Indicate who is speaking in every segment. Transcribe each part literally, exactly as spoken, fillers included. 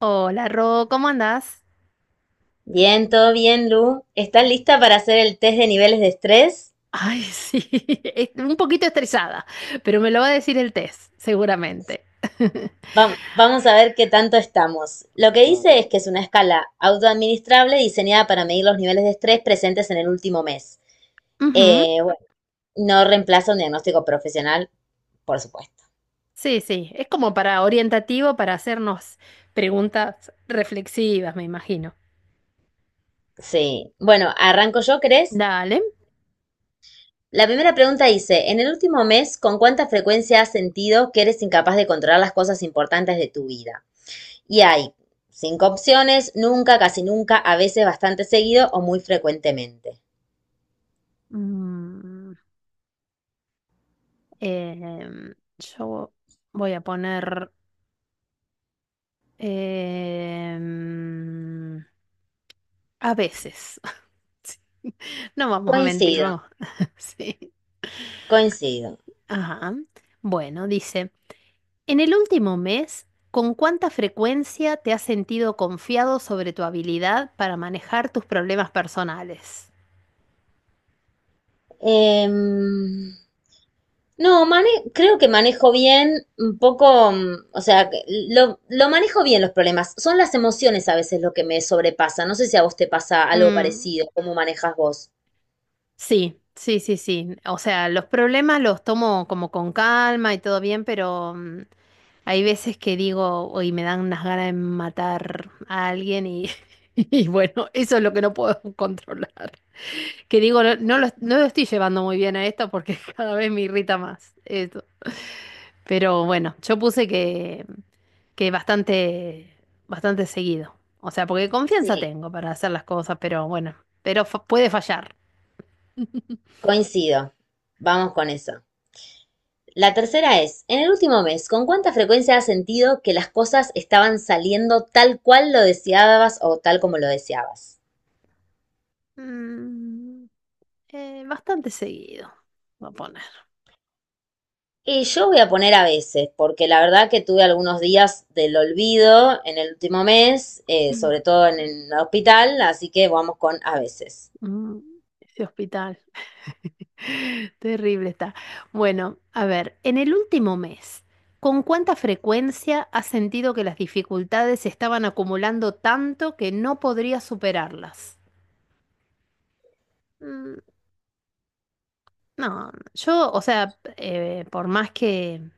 Speaker 1: Hola, Ro, ¿cómo andás?
Speaker 2: Bien, todo bien, Lu. ¿Estás lista para hacer el test de niveles de estrés?
Speaker 1: Ay, sí, es- un poquito estresada, pero me lo va a decir el test, seguramente.
Speaker 2: Vam- Vamos a ver qué tanto estamos. Lo que dice es que
Speaker 1: Mm.
Speaker 2: es una escala autoadministrable diseñada para medir los niveles de estrés presentes en el último mes.
Speaker 1: Ujú.
Speaker 2: Eh, bueno, no reemplaza un diagnóstico profesional, por supuesto.
Speaker 1: Sí, sí, es como para orientativo, para hacernos preguntas reflexivas, me imagino.
Speaker 2: Sí. Bueno, arranco yo, ¿crees?
Speaker 1: Dale.
Speaker 2: La primera pregunta dice, en el último mes, ¿con cuánta frecuencia has sentido que eres incapaz de controlar las cosas importantes de tu vida? Y hay cinco opciones, nunca, casi nunca, a veces, bastante seguido o muy frecuentemente.
Speaker 1: Mm, em, yo voy a poner, em, a veces. No vamos a mentir,
Speaker 2: Coincido,
Speaker 1: vamos. Sí.
Speaker 2: coincido.
Speaker 1: Ajá. Bueno, dice. En el último mes, ¿con cuánta frecuencia te has sentido confiado sobre tu habilidad para manejar tus problemas personales?
Speaker 2: Em, no, mane- creo que manejo bien un poco, mm, o sea, que lo, lo manejo bien los problemas. Son las emociones a veces lo que me sobrepasa. No sé si a vos te pasa algo
Speaker 1: Mm,
Speaker 2: parecido, cómo manejas vos.
Speaker 1: sí, sí, sí, sí. O sea, los problemas los tomo como con calma y todo bien, pero mm, hay veces que digo, hoy me dan unas ganas de matar a alguien y, y bueno, eso es lo que no puedo controlar. Que digo, no, no lo, no lo estoy llevando muy bien a esto porque cada vez me irrita más. Eso. Pero bueno, yo puse que que bastante, bastante seguido. O sea, porque confianza
Speaker 2: Sí,
Speaker 1: tengo para hacer las cosas, pero bueno, pero fa- puede fallar.
Speaker 2: coincido. Vamos con eso. La tercera es, en el último mes, ¿con cuánta frecuencia has sentido que las cosas estaban saliendo tal cual lo deseabas o tal como lo deseabas?
Speaker 1: Mm, eh, bastante seguido, voy a poner.
Speaker 2: Y yo voy a poner a veces, porque la verdad que tuve algunos días del olvido en el último mes, eh,
Speaker 1: Mm,
Speaker 2: sobre todo en el hospital, así que vamos con a veces.
Speaker 1: mm, ese hospital. Terrible está. Bueno, a ver, en el último mes, ¿con cuánta frecuencia has sentido que las dificultades se estaban acumulando tanto que no podrías superarlas? Mm, no, yo, o sea, eh, por más que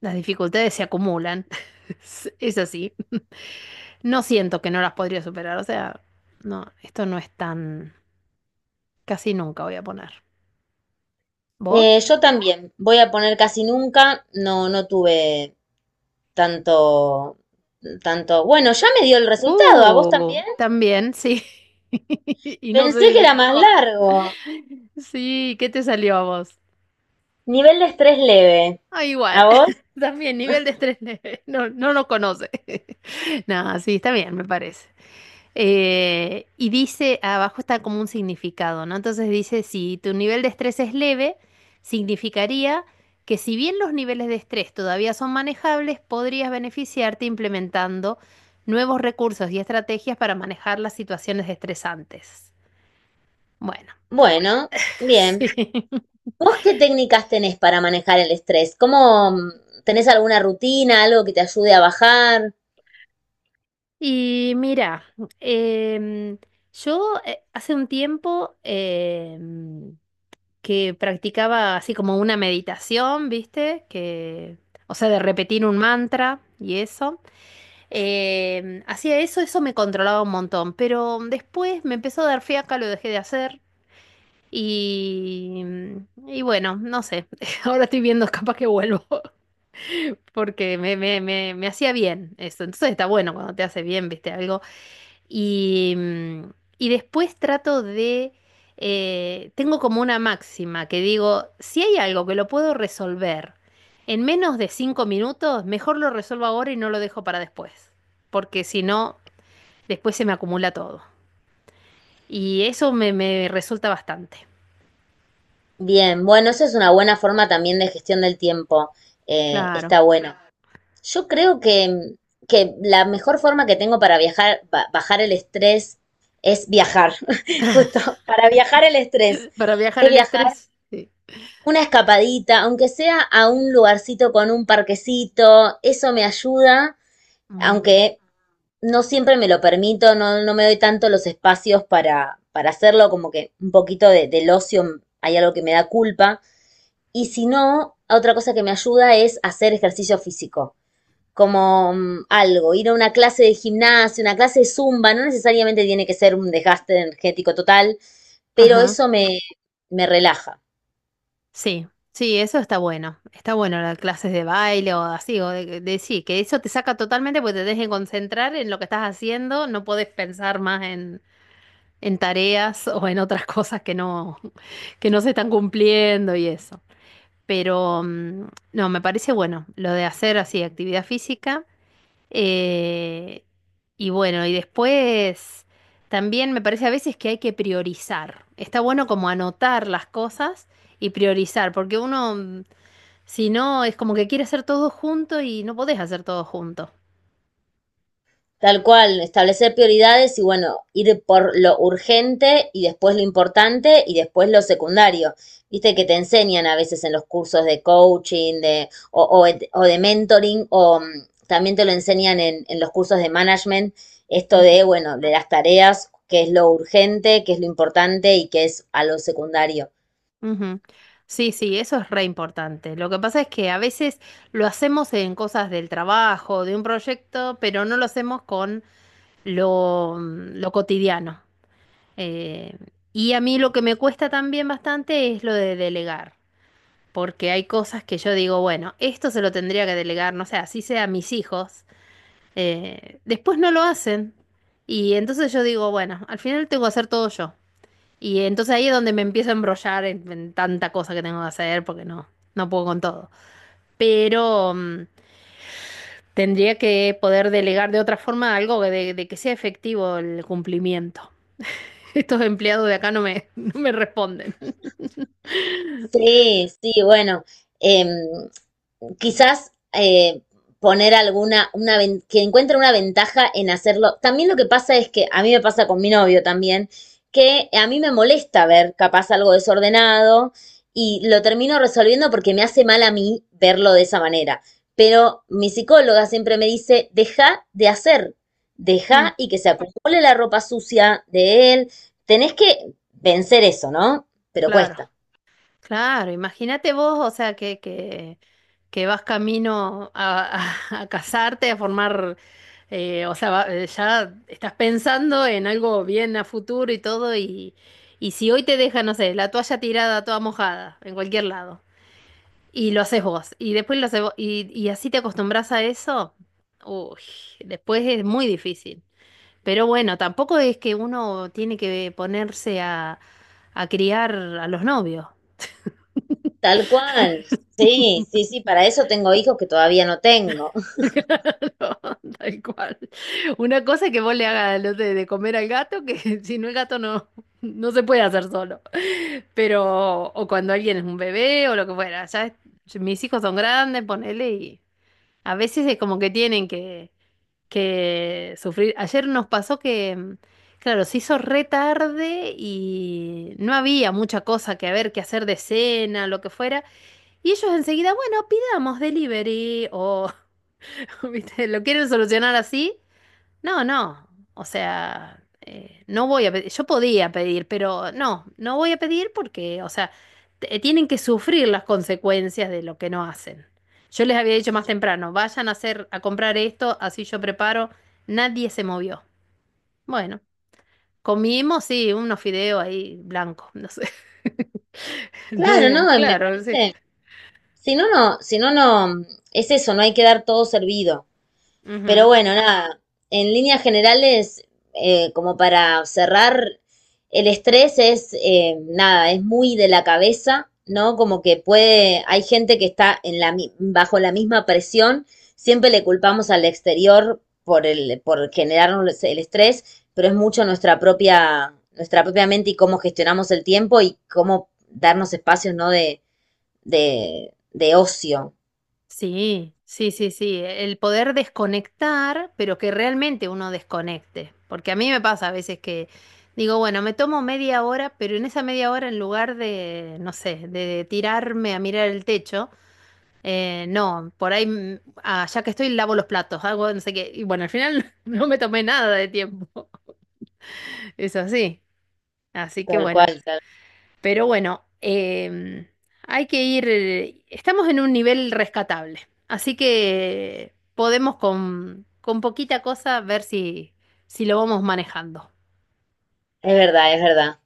Speaker 1: las dificultades se acumulan. Es, es así. No siento que no las podría superar. O sea, no, esto no es tan... Casi nunca voy a poner.
Speaker 2: Eh,
Speaker 1: ¿Vos?
Speaker 2: yo también voy a poner casi nunca, no, no tuve tanto, tanto, bueno, ya me dio el resultado, ¿a vos
Speaker 1: Uh,
Speaker 2: también?
Speaker 1: también, sí. Y no
Speaker 2: Pensé
Speaker 1: sé si
Speaker 2: que
Speaker 1: se
Speaker 2: era más
Speaker 1: equivocó.
Speaker 2: largo.
Speaker 1: Sí, ¿qué te salió a vos?
Speaker 2: Nivel de estrés leve.
Speaker 1: Ah, igual.
Speaker 2: ¿A vos?
Speaker 1: También nivel de estrés leve. No, no lo conoce. Nada, sí, está bien, me parece. Eh, y dice, abajo está como un significado, ¿no? Entonces dice, si tu nivel de estrés es leve, significaría que si bien los niveles de estrés todavía son manejables, podrías beneficiarte implementando nuevos recursos y estrategias para manejar las situaciones estresantes. Bueno,
Speaker 2: Bueno, bien.
Speaker 1: sí.
Speaker 2: ¿Vos qué técnicas tenés para manejar el estrés? ¿Cómo mm, tenés alguna rutina, algo que te ayude a bajar?
Speaker 1: Y mira, em, yo eh, hace un tiempo... em, que practicaba así como una meditación, ¿viste? Que, o sea, de repetir un mantra y eso. Eh, hacía eso, eso me controlaba un montón, pero después me empezó a dar fiaca, lo dejé de hacer y, y bueno, no sé, ahora estoy viendo, capaz que vuelvo, porque me, me, me, me hacía bien eso. Entonces está bueno cuando te hace bien, ¿viste? Algo. Y, mm, y después trato de, eh, tengo como una máxima que digo, si hay algo que lo puedo resolver en menos de cinco minutos, mejor lo resuelvo ahora y no lo dejo para después, porque si no, después se me acumula todo. Y eso me, me resulta bastante.
Speaker 2: Bien, bueno, esa es una buena forma también de gestión del tiempo. Eh,
Speaker 1: Claro.
Speaker 2: está bueno. Yo creo que, mm, que la mejor forma que tengo para viajar, ba- bajar el estrés es viajar. Justo, para viajar el estrés
Speaker 1: Para viajar
Speaker 2: es
Speaker 1: el
Speaker 2: viajar.
Speaker 1: estrés. Sí.
Speaker 2: Una escapadita, aunque sea a un lugarcito con un parquecito, eso me ayuda,
Speaker 1: Mm.
Speaker 2: aunque no siempre me lo permito, no, no me doy tanto los espacios para, para hacerlo, como que un poquito de, del ocio hay algo que me da culpa. Y si no, otra cosa que me ayuda es hacer ejercicio físico, como mm, algo, ir a una clase de gimnasia, una clase de zumba, no necesariamente tiene que ser un desgaste energético total, pero
Speaker 1: Ajá.
Speaker 2: eso me, me relaja.
Speaker 1: Sí, sí, eso está bueno. Está bueno, las clases de baile o así, o de, de- sí, que eso te saca totalmente porque te dejen concentrar en lo que estás haciendo, no podés pensar más en, en tareas o en otras cosas que no, que no se están cumpliendo y eso. Pero mm, no, me parece bueno lo de hacer así actividad física. eh, y bueno, y después también me parece a veces que hay que priorizar. Está bueno como anotar las cosas y priorizar, porque uno, mm, si no, es como que quiere hacer todo junto y no podés hacer todo junto.
Speaker 2: Tal cual, establecer prioridades y bueno, ir por lo urgente y después lo importante y después lo secundario. Viste que te enseñan a veces en los cursos de coaching de, o, o o de mentoring o mm, también te lo enseñan en, en los cursos de management, esto
Speaker 1: Ujú,
Speaker 2: de, bueno, de las tareas, qué es lo urgente, qué es lo importante y qué es a lo secundario.
Speaker 1: ujú. Sí, sí, eso es re importante. Lo que pasa es que a veces lo hacemos en cosas del trabajo, de un proyecto, pero no lo hacemos con lo, mm, lo cotidiano. Eh, y a mí lo que me cuesta también bastante es lo de delegar, porque hay cosas que yo digo, bueno, esto se lo tendría que delegar, no sé, así sea a mis hijos. Eh, después no lo hacen. Y entonces yo digo, bueno, al final tengo que hacer todo yo. Y entonces ahí es donde me empiezo a embrollar en, en tanta cosa que tengo que hacer porque no, no puedo con todo. Pero mm, tendría que poder delegar de otra forma algo que de, de que sea efectivo el cumplimiento. Estos empleados de acá no me, no me responden.
Speaker 2: Sí, sí, bueno, em, quizás eh, poner alguna, una, que encuentre una ventaja en hacerlo. También lo que pasa es que a mí me pasa con mi novio también, que a mí me molesta ver capaz algo desordenado y lo termino resolviendo porque me hace mal a mí verlo de esa manera. Pero mi psicóloga siempre me dice, deja de hacer,
Speaker 1: Mm.
Speaker 2: deja y que se acumule la ropa sucia de él. Tenés que vencer eso, ¿no? Pero
Speaker 1: Claro,
Speaker 2: cuesta.
Speaker 1: claro, imagínate vos, o sea, que, que que vas camino a, a- a casarte, a formar, eh, o sea, va- eh, ya estás pensando en algo bien a futuro y todo, y, y si hoy te deja, no sé, la toalla tirada toda mojada en cualquier lado, y lo haces vos, y después lo haces vos, y, y así te acostumbras a eso, uy, después es muy difícil. Pero bueno, tampoco es que uno tiene que ponerse a, a criar a los novios.
Speaker 2: Tal cual. Sí, sí, sí, para eso tengo hijos que todavía no tengo.
Speaker 1: No, tal cual. Una cosa es que vos le hagas lo de, de comer al gato, que si no el gato no, no se puede hacer solo. Pero, o cuando alguien es un bebé o lo que fuera, ya es- mis hijos son grandes, ponele, y a veces es como que tienen que, que sufrir. Ayer nos pasó que, mm, claro, se hizo re tarde y no había mucha cosa que a ver, que hacer de cena, lo que fuera. Y ellos enseguida, bueno, pidamos delivery o... ¿Viste? ¿Lo quieren solucionar así? No, no. O sea, eh, no voy a pedir. Yo podía pedir, pero no, no voy a pedir porque, o sea, t- eh, tienen que sufrir las consecuencias de lo que no hacen. Yo les había dicho más temprano, vayan a hacer, a comprar esto, así yo preparo. Nadie se movió. Bueno, comimos, sí, unos fideos ahí blancos, no sé. No
Speaker 2: Claro, no,
Speaker 1: hubo,
Speaker 2: me
Speaker 1: claro, sí.
Speaker 2: parece, si no, no, si no, no, es eso, no hay que dar todo servido. Pero
Speaker 1: Ujú.
Speaker 2: bueno, nada, en líneas generales, eh, como para cerrar, el estrés es, eh, nada, es muy de la cabeza, ¿no? Como que puede, hay gente que está en la, mi- bajo la misma presión, siempre le culpamos al exterior por el, por generarnos el estrés, pero es mucho nuestra propia, nuestra propia mente y cómo gestionamos el tiempo y cómo darnos espacios, ¿no? De, de, de ocio.
Speaker 1: Sí, sí, sí, sí. El poder desconectar, pero que realmente uno desconecte. Porque a mí me pasa a veces que digo, bueno, me tomo media hora, pero en esa media hora, en lugar de, no sé, de tirarme a mirar el techo, eh, no, por ahí, mm, ah, ya que estoy, lavo los platos, hago no sé qué. Y bueno, al final no me tomé nada de tiempo. Eso sí. Así que
Speaker 2: Tal
Speaker 1: bueno.
Speaker 2: cual, tal.
Speaker 1: Pero bueno, em, hay que ir, eh, estamos en un nivel rescatable, así que podemos con, con poquita cosa ver si, si lo vamos manejando.
Speaker 2: Es verdad, es verdad.